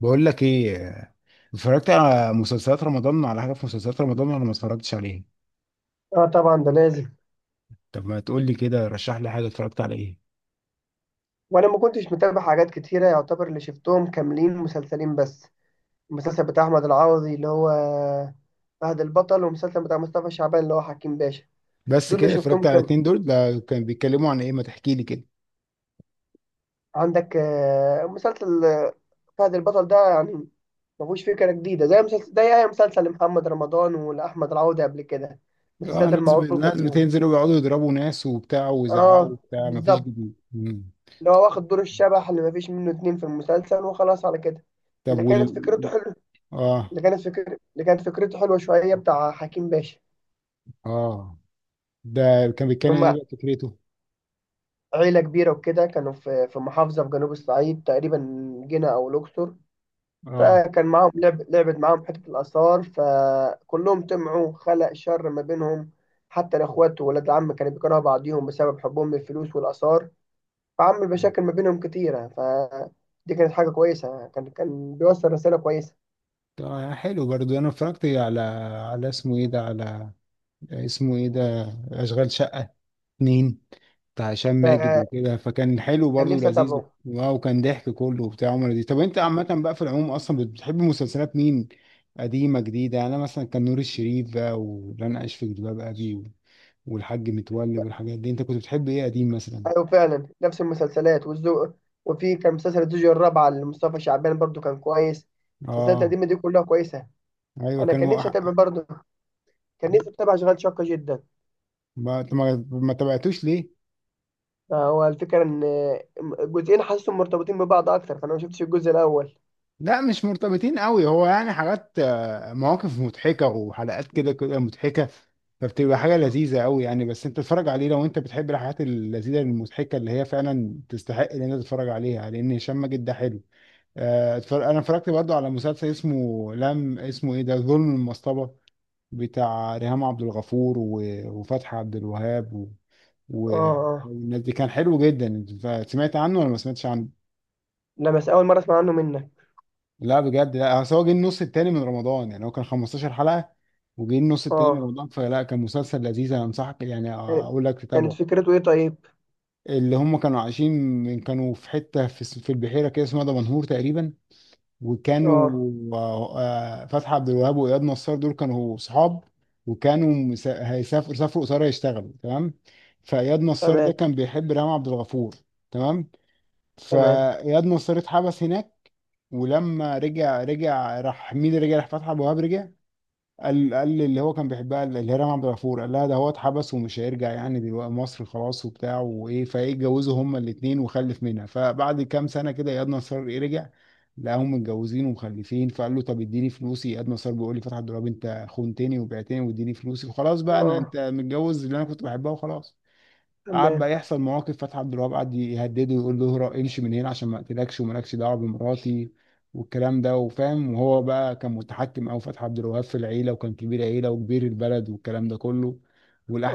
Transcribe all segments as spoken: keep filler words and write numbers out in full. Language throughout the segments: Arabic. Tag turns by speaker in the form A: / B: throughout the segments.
A: بقول لك ايه؟ اتفرجت على مسلسلات رمضان، على حاجه في مسلسلات رمضان ولا ما اتفرجتش عليها؟
B: اه، طبعا ده لازم.
A: طب ما تقول لي كده، رشح لي حاجه، اتفرجت على ايه؟
B: وانا ما كنتش متابع حاجات كتيره، يعتبر اللي شفتهم كاملين مسلسلين بس. المسلسل بتاع احمد العوضي اللي هو فهد البطل، والمسلسل بتاع مصطفى شعبان اللي هو حكيم باشا.
A: بس
B: دول اللي
A: كده اتفرجت
B: شفتهم
A: على
B: كام.
A: اتنين. دول ده كان بيتكلموا عن ايه؟ ما تحكي لي كده.
B: عندك آه، مسلسل آه، فهد البطل ده، يعني ما فيهوش فكره جديده زي مسلسل ده، اي مسلسل لمحمد رمضان ولاحمد العوضي قبل كده،
A: اه،
B: المسلسلات
A: ناس ب...
B: المعروفه
A: ناس
B: بيهم.
A: بتنزل ويقعدوا يضربوا ناس وبتاع ويزعقوا
B: اه،
A: وبتاع، ما فيش
B: بالظبط.
A: جديد. مم.
B: اللي هو واخد دور الشبح اللي ما فيش منه اتنين في المسلسل، وخلاص على كده.
A: طب،
B: اللي كانت
A: وال
B: فكرته حلوه،
A: اه،
B: اللي كانت فكرة اللي كانت فكرته حلوة شوية بتاع حكيم باشا.
A: اه، ده كان
B: إن
A: بيتكلم ايه
B: هم
A: بقى فكرته؟
B: عيلة كبيرة وكده، كانوا في في محافظة في جنوب الصعيد تقريبا، جنة أو الأقصر.
A: اه،
B: فكان معاهم لعب لعبت معاهم حتة الآثار، فكلهم طمعوا خلق شر ما بينهم، حتى الإخوات وولاد العم كانوا بيكرهوا بعضيهم بسبب حبهم للفلوس والآثار، فعمل مشاكل ما بينهم كتيرة، فدي كانت حاجة كويسة، كان كان بيوصل رسالة كويسة.
A: ده حلو برضو. انا اتفرجت على على اسمه ايه ده، على اسمه ايه ده، اشغال شقه اتنين، بتاع هشام ماجد
B: فكان
A: وكده، فكان حلو برضه
B: نفسي
A: ولذيذ،
B: أتابعه.
A: واو كان ضحك كله وبتاع، عمر لذيذ. طب انت عامة بقى في العموم اصلا بتحب مسلسلات مين، قديمة جديدة؟ يعني انا مثلا، كان نور الشريف بقى، ولن اعيش في جلباب ابي، و- والحاج متولي والحاجات دي. انت كنت بتحب ايه قديم مثلا؟
B: ايوه، فعلا نفس المسلسلات والذوق، وفي كان مسلسل الزوجة الرابعة لمصطفى شعبان برضو، كان كويس. المسلسلات
A: اه،
B: القديمة دي كلها كويسة.
A: ايوه،
B: انا كان
A: كانوا
B: نفسي اتابع
A: أح-
B: برضو، كان نفسي اتابع شغال شاقة جدا.
A: ما ما ما تابعتوش ليه؟
B: آه، هو الفكرة ان الجزئين حاسسهم مرتبطين ببعض اكتر، فانا ما شفتش الجزء الاول.
A: لا مش مرتبطين قوي، هو يعني حاجات، آه، مواقف مضحكة وحلقات كده كده مضحكة، فبتبقى حاجة
B: اه،
A: لذيذة قوي يعني. بس انت تتفرج عليه لو انت بتحب الحاجات اللذيذة المضحكة اللي هي فعلا تستحق ان انت تتفرج عليها، لان هشام ماجد ده حلو. آه، اتفرج- انا اتفرجت برضو على مسلسل اسمه، لم اسمه ايه ده، ظلم المصطبة، بتاع ريهام عبد الغفور و- وفتحي عبد الوهاب و... و...
B: اه.
A: والناس دي، كان حلو جدا. سمعت عنه ولا ما سمعتش عنه؟
B: لا، بس اول مرة اسمع عنه منك.
A: لا بجد، لا، اصل هو جه النص التاني من رمضان، يعني هو كان خمستاشر حلقة، وجه النص التاني من
B: اه.
A: رمضان، فلا، كان مسلسل لذيذ، انا انصحك يعني
B: كانت
A: اقول لك
B: كانت
A: تتابعه.
B: فكرته ايه طيب؟
A: اللي هم كانوا عايشين، من كانوا في حتة في الس- في البحيرة كده، اسمها دمنهور تقريبا. وكانوا،
B: اه،
A: آه، آه، فتحي عبد الوهاب واياد نصار دول كانوا صحاب، وكانوا مس- هيسافروا سافروا قصير يشتغلوا، تمام. فاياد نصار ده
B: تمام،
A: كان بيحب ريهام عبد الغفور. تمام.
B: تمام.
A: فاياد نصار اتحبس هناك. ولما رجع، رجع راح، مين اللي رجع؟ راح فتحي ابو وهاب رجع. قال قال اللي هو كان بيحبها اللي هي رام عبد الغفور، قال لها ده هو اتحبس ومش هيرجع يعني، دلوقتي مصر خلاص وبتاع وايه، فايه، اتجوزوا هما الاثنين وخلف منها. فبعد كام سنه كده اياد نصار ايه، رجع، لقاهم متجوزين ومخلفين. فقال له طب اديني فلوسي. اياد نصار بيقول لي فتحي عبد الوهاب انت خنتني وبعتني، واديني فلوسي وخلاص بقى، انا،
B: اه،
A: انت متجوز اللي انا كنت بحبها وخلاص. قعد
B: تمام.
A: بقى يحصل مواقف. فتحي عبد الوهاب قعد يهدده ويقول له اهرب، امشي من هنا عشان ما اقتلكش، ومالكش دعوه بمراتي والكلام ده. وفاهم وهو بقى كان متحكم، او فتحي عبد الوهاب في العيله، وكان كبير عيله وكبير البلد والكلام ده كله.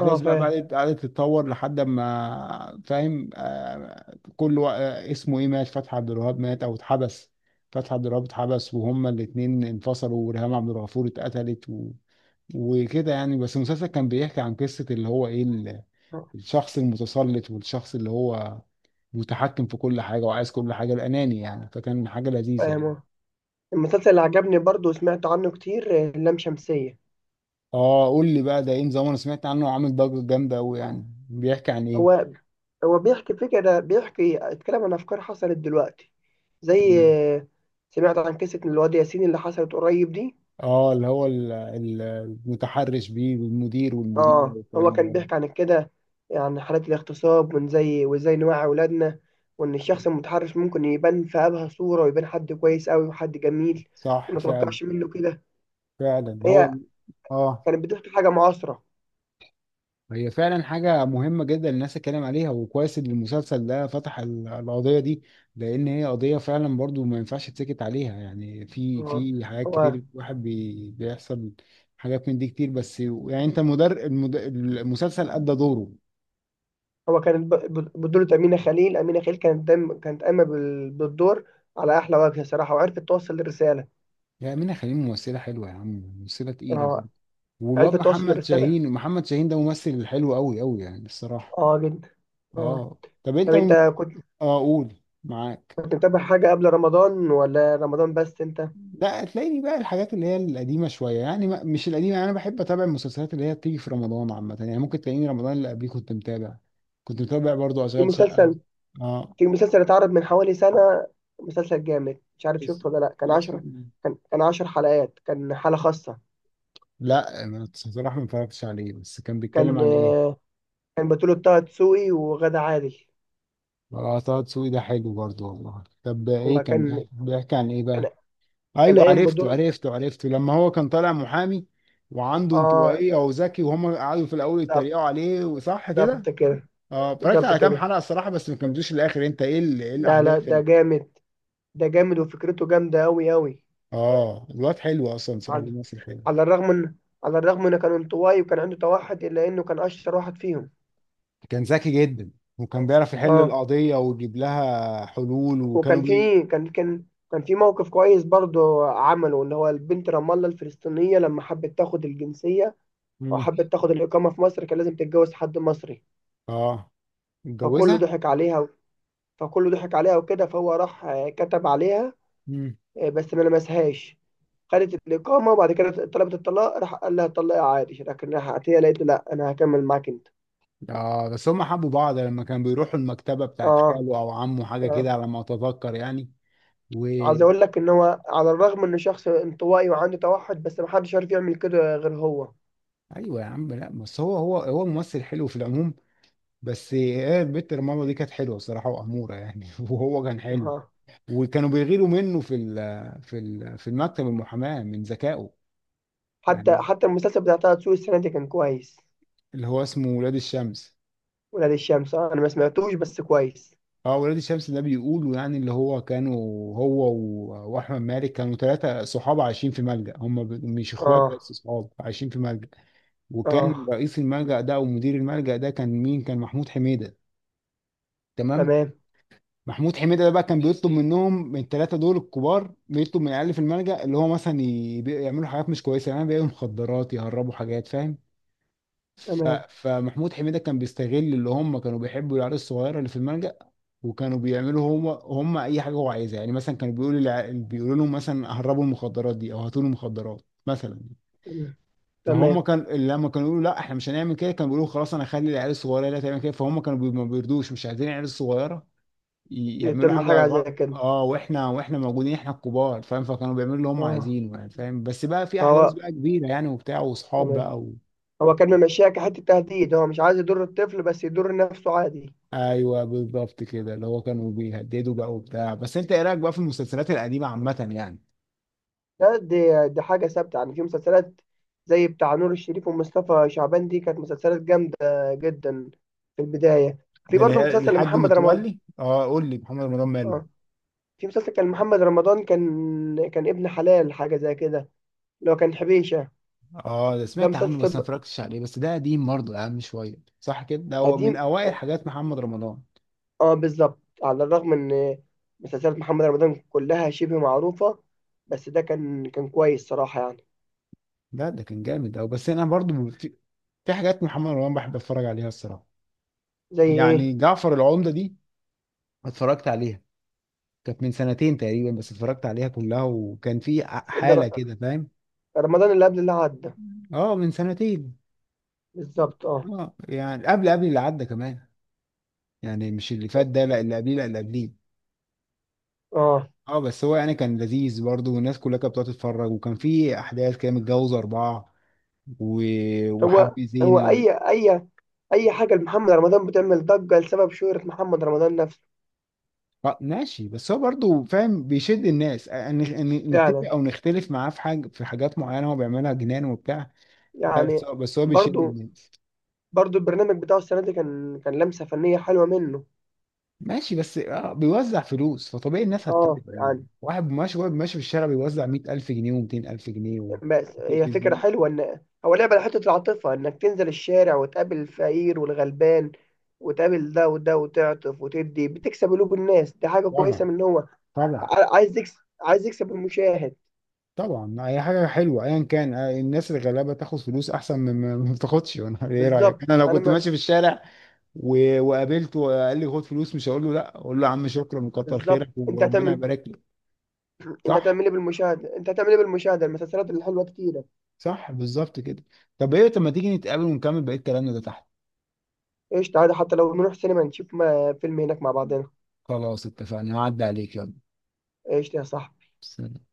B: اه،
A: بقى
B: فاهم،
A: بدات قعدت تتطور، لحد ما، فاهم، آه، كل وا- آه، اسمه ايه، مات، فتحي عبد الوهاب مات او اتحبس، فتحي عبد الوهاب اتحبس، وهما الاثنين انفصلوا، وريهام عبد الغفور اتقتلت و... وكده يعني. بس المسلسل كان بيحكي عن قصه اللي هو ايه،
B: آه،
A: الشخص المتسلط، والشخص اللي هو متحكم في كل حاجة وعايز كل حاجة، الأناني يعني، فكان حاجة لذيذة
B: فاهم
A: يعني.
B: آه. المسلسل اللي عجبني برضو وسمعت عنه كتير آه، لام شمسية.
A: اه، قول لي بقى ده ايه نظام، انا سمعت عنه عامل ضجة جامدة قوي، يعني بيحكي عن ايه؟
B: هو هو بيحكي فكرة، بيحكي اتكلم عن أفكار حصلت دلوقتي، زي
A: تمام.
B: آه، سمعت عن قصة الواد ياسين اللي حصلت قريب دي.
A: اه، اللي هو ال- ال- المتحرش بيه، والمدير والمديرة
B: اه، هو
A: والكلام
B: كان
A: ده.
B: بيحكي عن كده، عن حالات الاغتصاب، وان زي وازاي نوعي أولادنا، وإن الشخص المتحرش ممكن يبان في أبهى صورة، ويبان حد كويس أوي وحد جميل،
A: صح
B: وما
A: فعلا.
B: توقعش منه كده.
A: فعلا، هو
B: هي
A: ال- اه،
B: كانت بتحكي حاجة معاصرة.
A: هي فعلا حاجة مهمة جدا الناس تتكلم عليها، وكويس ان المسلسل ده فتح ال- القضية دي، لان هي قضية فعلا برضو ما ينفعش تسكت عليها يعني. في
B: اه.
A: في حاجات
B: هو
A: كتير واحد بي بيحصل. حاجات من دي كتير بس يعني. انت مدر المد... المسلسل ادى دوره.
B: هو كانت ب- ب- بطولة أمينة خليل، أمينة خليل كانت دايما كانت قايمة بال- بالدور على أحلى وجه صراحة، وعرفت توصل الرسالة.
A: يا منى خليل ممثلة حلوة يا عم، ممثلة تقيلة برضو.
B: اه،
A: والواد
B: عرفت توصل
A: محمد
B: الرسالة.
A: شاهين، محمد شاهين ده ممثل حلو قوي قوي يعني الصراحة.
B: اه، جدا. اه.
A: اه. طب
B: طب
A: انت
B: أنت
A: من...
B: كنت
A: اه، قول، معاك.
B: كنت متابع حاجة قبل رمضان ولا رمضان بس أنت؟
A: لا، تلاقيني بقى الحاجات اللي هي القديمة شوية، يعني ما- مش القديمة يعني، أنا بحب أتابع المسلسلات اللي هي بتيجي في رمضان عامة، يعني ممكن تلاقيني رمضان اللي قبليه كنت متابع، كنت متابع برضو
B: في
A: أشغال شقة.
B: مسلسل
A: اه.
B: في مسلسل اتعرض من حوالي سنة، مسلسل جامد، مش عارف
A: يس...
B: شفته ولا لأ، كان
A: يس...
B: عشرة كان كان عشر حلقات، كان حالة خاصة.
A: لا، أنا بصراحة ما اتفرجتش عليه، بس كان بيتكلم
B: كان
A: عن إيه؟
B: آه، كان بطولة طه دسوقي وغادة عادل.
A: اه، طه دسوقي ده حلو برضو والله. طب
B: هو
A: إيه كان
B: كان
A: بيحكي بيحكي عن إيه بقى؟
B: كان كان
A: أيوه،
B: قايم
A: عرفته
B: بدور.
A: عرفته عرفته، لما هو كان طالع محامي وعنده
B: اه،
A: انطوائية وذكي، وهم قعدوا في الأول
B: بالظبط،
A: يتريقوا عليه، وصح كده؟
B: بالظبط كده،
A: اه، اتفرجت
B: بالظبط
A: على كام
B: كده.
A: حلقه الصراحه، بس ما كملتوش للاخر. انت ايه ال- ايه
B: لا، لا،
A: الاحداث
B: ده
A: اللي...
B: جامد، ده جامد وفكرته جامدة أوي أوي.
A: اه، الواد حلو اصلا صراحه،
B: على
A: بيمثل حلو.
B: على الرغم إن على الرغم إنه كان انطوائي وكان عنده توحد، إلا إنه كان أشطر واحد فيهم.
A: كان ذكي جدا، وكان بيعرف يحل
B: أه
A: القضية ويجيب لها حلول، وكانوا
B: وكان في
A: بي...
B: كان كان كان في موقف كويس برضه عمله، إن هو البنت رام الله الفلسطينية لما حبت تاخد الجنسية، أو
A: مم.
B: حبت تاخد الإقامة في مصر، كان لازم تتجوز حد مصري.
A: اه.
B: فكله
A: اتجوزها.
B: ضحك عليها فكله ضحك عليها وكده، فهو راح آه، كتب عليها،
A: مم.
B: إيه، بس ما لمسهاش، خدت الإقامة، وبعد كده طلبت الطلاق، راح قال لها طلقي عادي، لكن راح عطية لقيته لا أنا هكمل معاك أنت.
A: اه، بس هم حبوا بعض لما كانوا بيروحوا المكتبة بتاعت
B: آه،
A: خاله او عمه، حاجة
B: آه،
A: كده على ما اتذكر يعني. و...
B: عايز أقول لك إن هو على الرغم إنه شخص انطوائي وعنده توحد، بس محدش عارف يعمل كده غير هو.
A: ايوه يا عم، لا بس هو، هو هو ممثل حلو في العموم. بس هي البت رمضان دي كانت حلوة الصراحة وأمورة يعني وهو كان حلو.
B: آه.
A: وكانوا بيغيروا منه في ال- في ال- في المكتب المحاماة من ذكائه
B: حتى
A: يعني.
B: حتى المسلسل بتاع طه دسوقي السنة دي كان كويس.
A: اللي هو اسمه ولاد الشمس.
B: ولاد الشمس، آه، أنا ما سمعتوش بس كويس.
A: اه، ولاد الشمس ده بيقولوا يعني اللي هو كانوا، هو و- واحمد مالك كانوا ثلاثة صحاب عايشين في ملجأ، هم ب- مش اخوات
B: آه،
A: بس صحاب عايشين في ملجأ. وكان
B: آه،
A: رئيس الملجأ ده او مدير الملجأ ده كان مين، كان محمود حميدة. تمام.
B: تمام،
A: محمود حميدة ده بقى كان بيطلب منهم، من الثلاثة دول الكبار، بيطلب من العيال في الملجأ اللي هو مثلا، ي- بي- يعملوا حاجات مش كويسة، يعني بيعملوا مخدرات، يهربوا حاجات، فاهم. ف...
B: تمام،
A: فمحمود حميدة كان بيستغل اللي هم كانوا بيحبوا العيال الصغيرة اللي في الملجأ. وكانوا بيعملوا، هم هم اي حاجة هو عايزها يعني، مثلا كانوا بيقولوا للع... بيقولوا لهم مثلا هربوا المخدرات دي، او هاتوا لي مخدرات مثلا.
B: تمام،
A: فهم
B: تمام.
A: كان لما كانوا يقولوا لا احنا مش هنعمل كده، كانوا بيقولوا خلاص، انا هخلي العيال الصغيرة هي اللي تعمل كده. فهم كانوا بي... ما بيرضوش، مش عايزين العيال الصغيرة ي- يعملوا
B: تعمل
A: حاجة
B: حاجة زي
A: غلط.
B: كده.
A: اه، واحنا واحنا موجودين، احنا الكبار، فاهم. فكانوا بيعملوا اللي هم
B: آه.
A: عايزينه يعني، فاهم، بس بقى في احداث
B: فهو
A: بقى كبيرة يعني وبتاع واصحاب
B: تمام،
A: بقى.
B: هو كان ممشيها كحته تهديد، هو مش عايز يضر الطفل بس يضر نفسه عادي.
A: ايوه، بالظبط كده، اللي هو كانوا بيهددوا بقى وبتاع. بس انت ايه رايك بقى في المسلسلات القديمه عامه يعني؟
B: ده دي, دي حاجه ثابته يعني في مسلسلات، زي بتاع نور الشريف ومصطفى شعبان، دي كانت مسلسلات جامده جدا. في البدايه، في
A: ده اللي
B: برضه
A: هي
B: مسلسل
A: الحاج
B: لمحمد رمضان.
A: متولي. اه، قول لي محمد رمضان ماله.
B: اه، في مسلسل كان محمد رمضان كان كان ابن حلال حاجه زي كده، اللي هو كان حبيشه،
A: اه، ده
B: ده
A: سمعت عنه
B: مسلسل
A: بس ما اتفرجتش عليه، بس ده قديم برضه اهم شويه صح كده، ده هو من
B: قديم.
A: اوائل حاجات محمد رمضان.
B: اه، بالظبط، على الرغم ان مسلسلات محمد رمضان كلها شبه معروفه، بس ده كان كان كويس صراحه يعني.
A: لا ده كان جامد أوي. بس انا برضه في في حاجات محمد رمضان بحب اتفرج عليها الصراحه.
B: زي ايه؟
A: يعني جعفر العمده دي، اتفرجت عليها، كانت من سنتين تقريبا، بس اتفرجت عليها كلها وكان في حاله كده فاهم.
B: رمضان اللي قبل اللي عدى،
A: اه، من سنتين.
B: بالظبط اه.
A: اه، يعني قبل، قبل اللي عدى كمان يعني، مش اللي فات ده لا، اللي قبليه لا، اللي قبليه.
B: اه،
A: اه، بس هو يعني كان لذيذ برضه، والناس كلها كانت بتقعد تتفرج، وكان في احداث كده متجوز اربعه و...
B: هو
A: وحب
B: هو
A: زينه و...
B: اي اي اي حاجه لمحمد رمضان بتعمل ضجه لسبب شهره محمد رمضان نفسه.
A: آه، ماشي، بس هو برضه فاهم بيشد الناس، ان ان نتفق
B: فعلا
A: او نختلف معاه في حاجه في حاجات معينه هو بيعملها جنان وبتاع. لا بس
B: يعني.
A: هو، بس هو بيشد
B: برضو،
A: الناس.
B: برضو البرنامج بتاعه السنه دي كان كان لمسه فنيه حلوه منه.
A: ماشي بس اه بيوزع فلوس فطبيعي الناس
B: اه
A: هتتابعه يعني.
B: يعني.
A: واحد ماشي، واحد ماشي في الشارع بيوزع مية ألف جنيه و200000 جنيه و...
B: بس هي فكره
A: تلفزيون.
B: حلوه، ان هو لعب على حته العاطفه، انك تنزل الشارع وتقابل الفقير والغلبان، وتقابل ده وده، وتعطف، وتدي، بتكسب قلوب الناس، دي حاجه كويسه
A: طبعا.
B: من إن هو
A: طبعا.
B: ع- عايز يكسب عايز يكسب، المشاهد.
A: طبعا، اي حاجه حلوه ايا كان، آه، الناس الغلابه تاخد فلوس احسن من من ما بتاخدش انا ايه رايك،
B: بالظبط،
A: انا لو
B: انا
A: كنت
B: ما
A: ماشي في الشارع و... وقابلته وقال لي خد فلوس، مش هقول له لا، اقول له يا عم شكرا وكتر
B: بالظبط.
A: خيرك
B: انت
A: وربنا
B: هتعمل
A: يبارك لك.
B: انت
A: صح.
B: هتعمل ايه بالمشاهده، انت هتعمل ايه بالمشاهده المسلسلات الحلوه كتيره.
A: صح، بالظبط كده. طب ايه، طب ما تيجي نتقابل ونكمل بقيه كلامنا ده تحت.
B: ايش، تعالى حتى لو نروح سينما نشوف ما... فيلم هناك مع بعضنا.
A: خلاص، اتفقنا، هعدي عليك يلا.
B: ايش يا صاحبي.
A: سلام.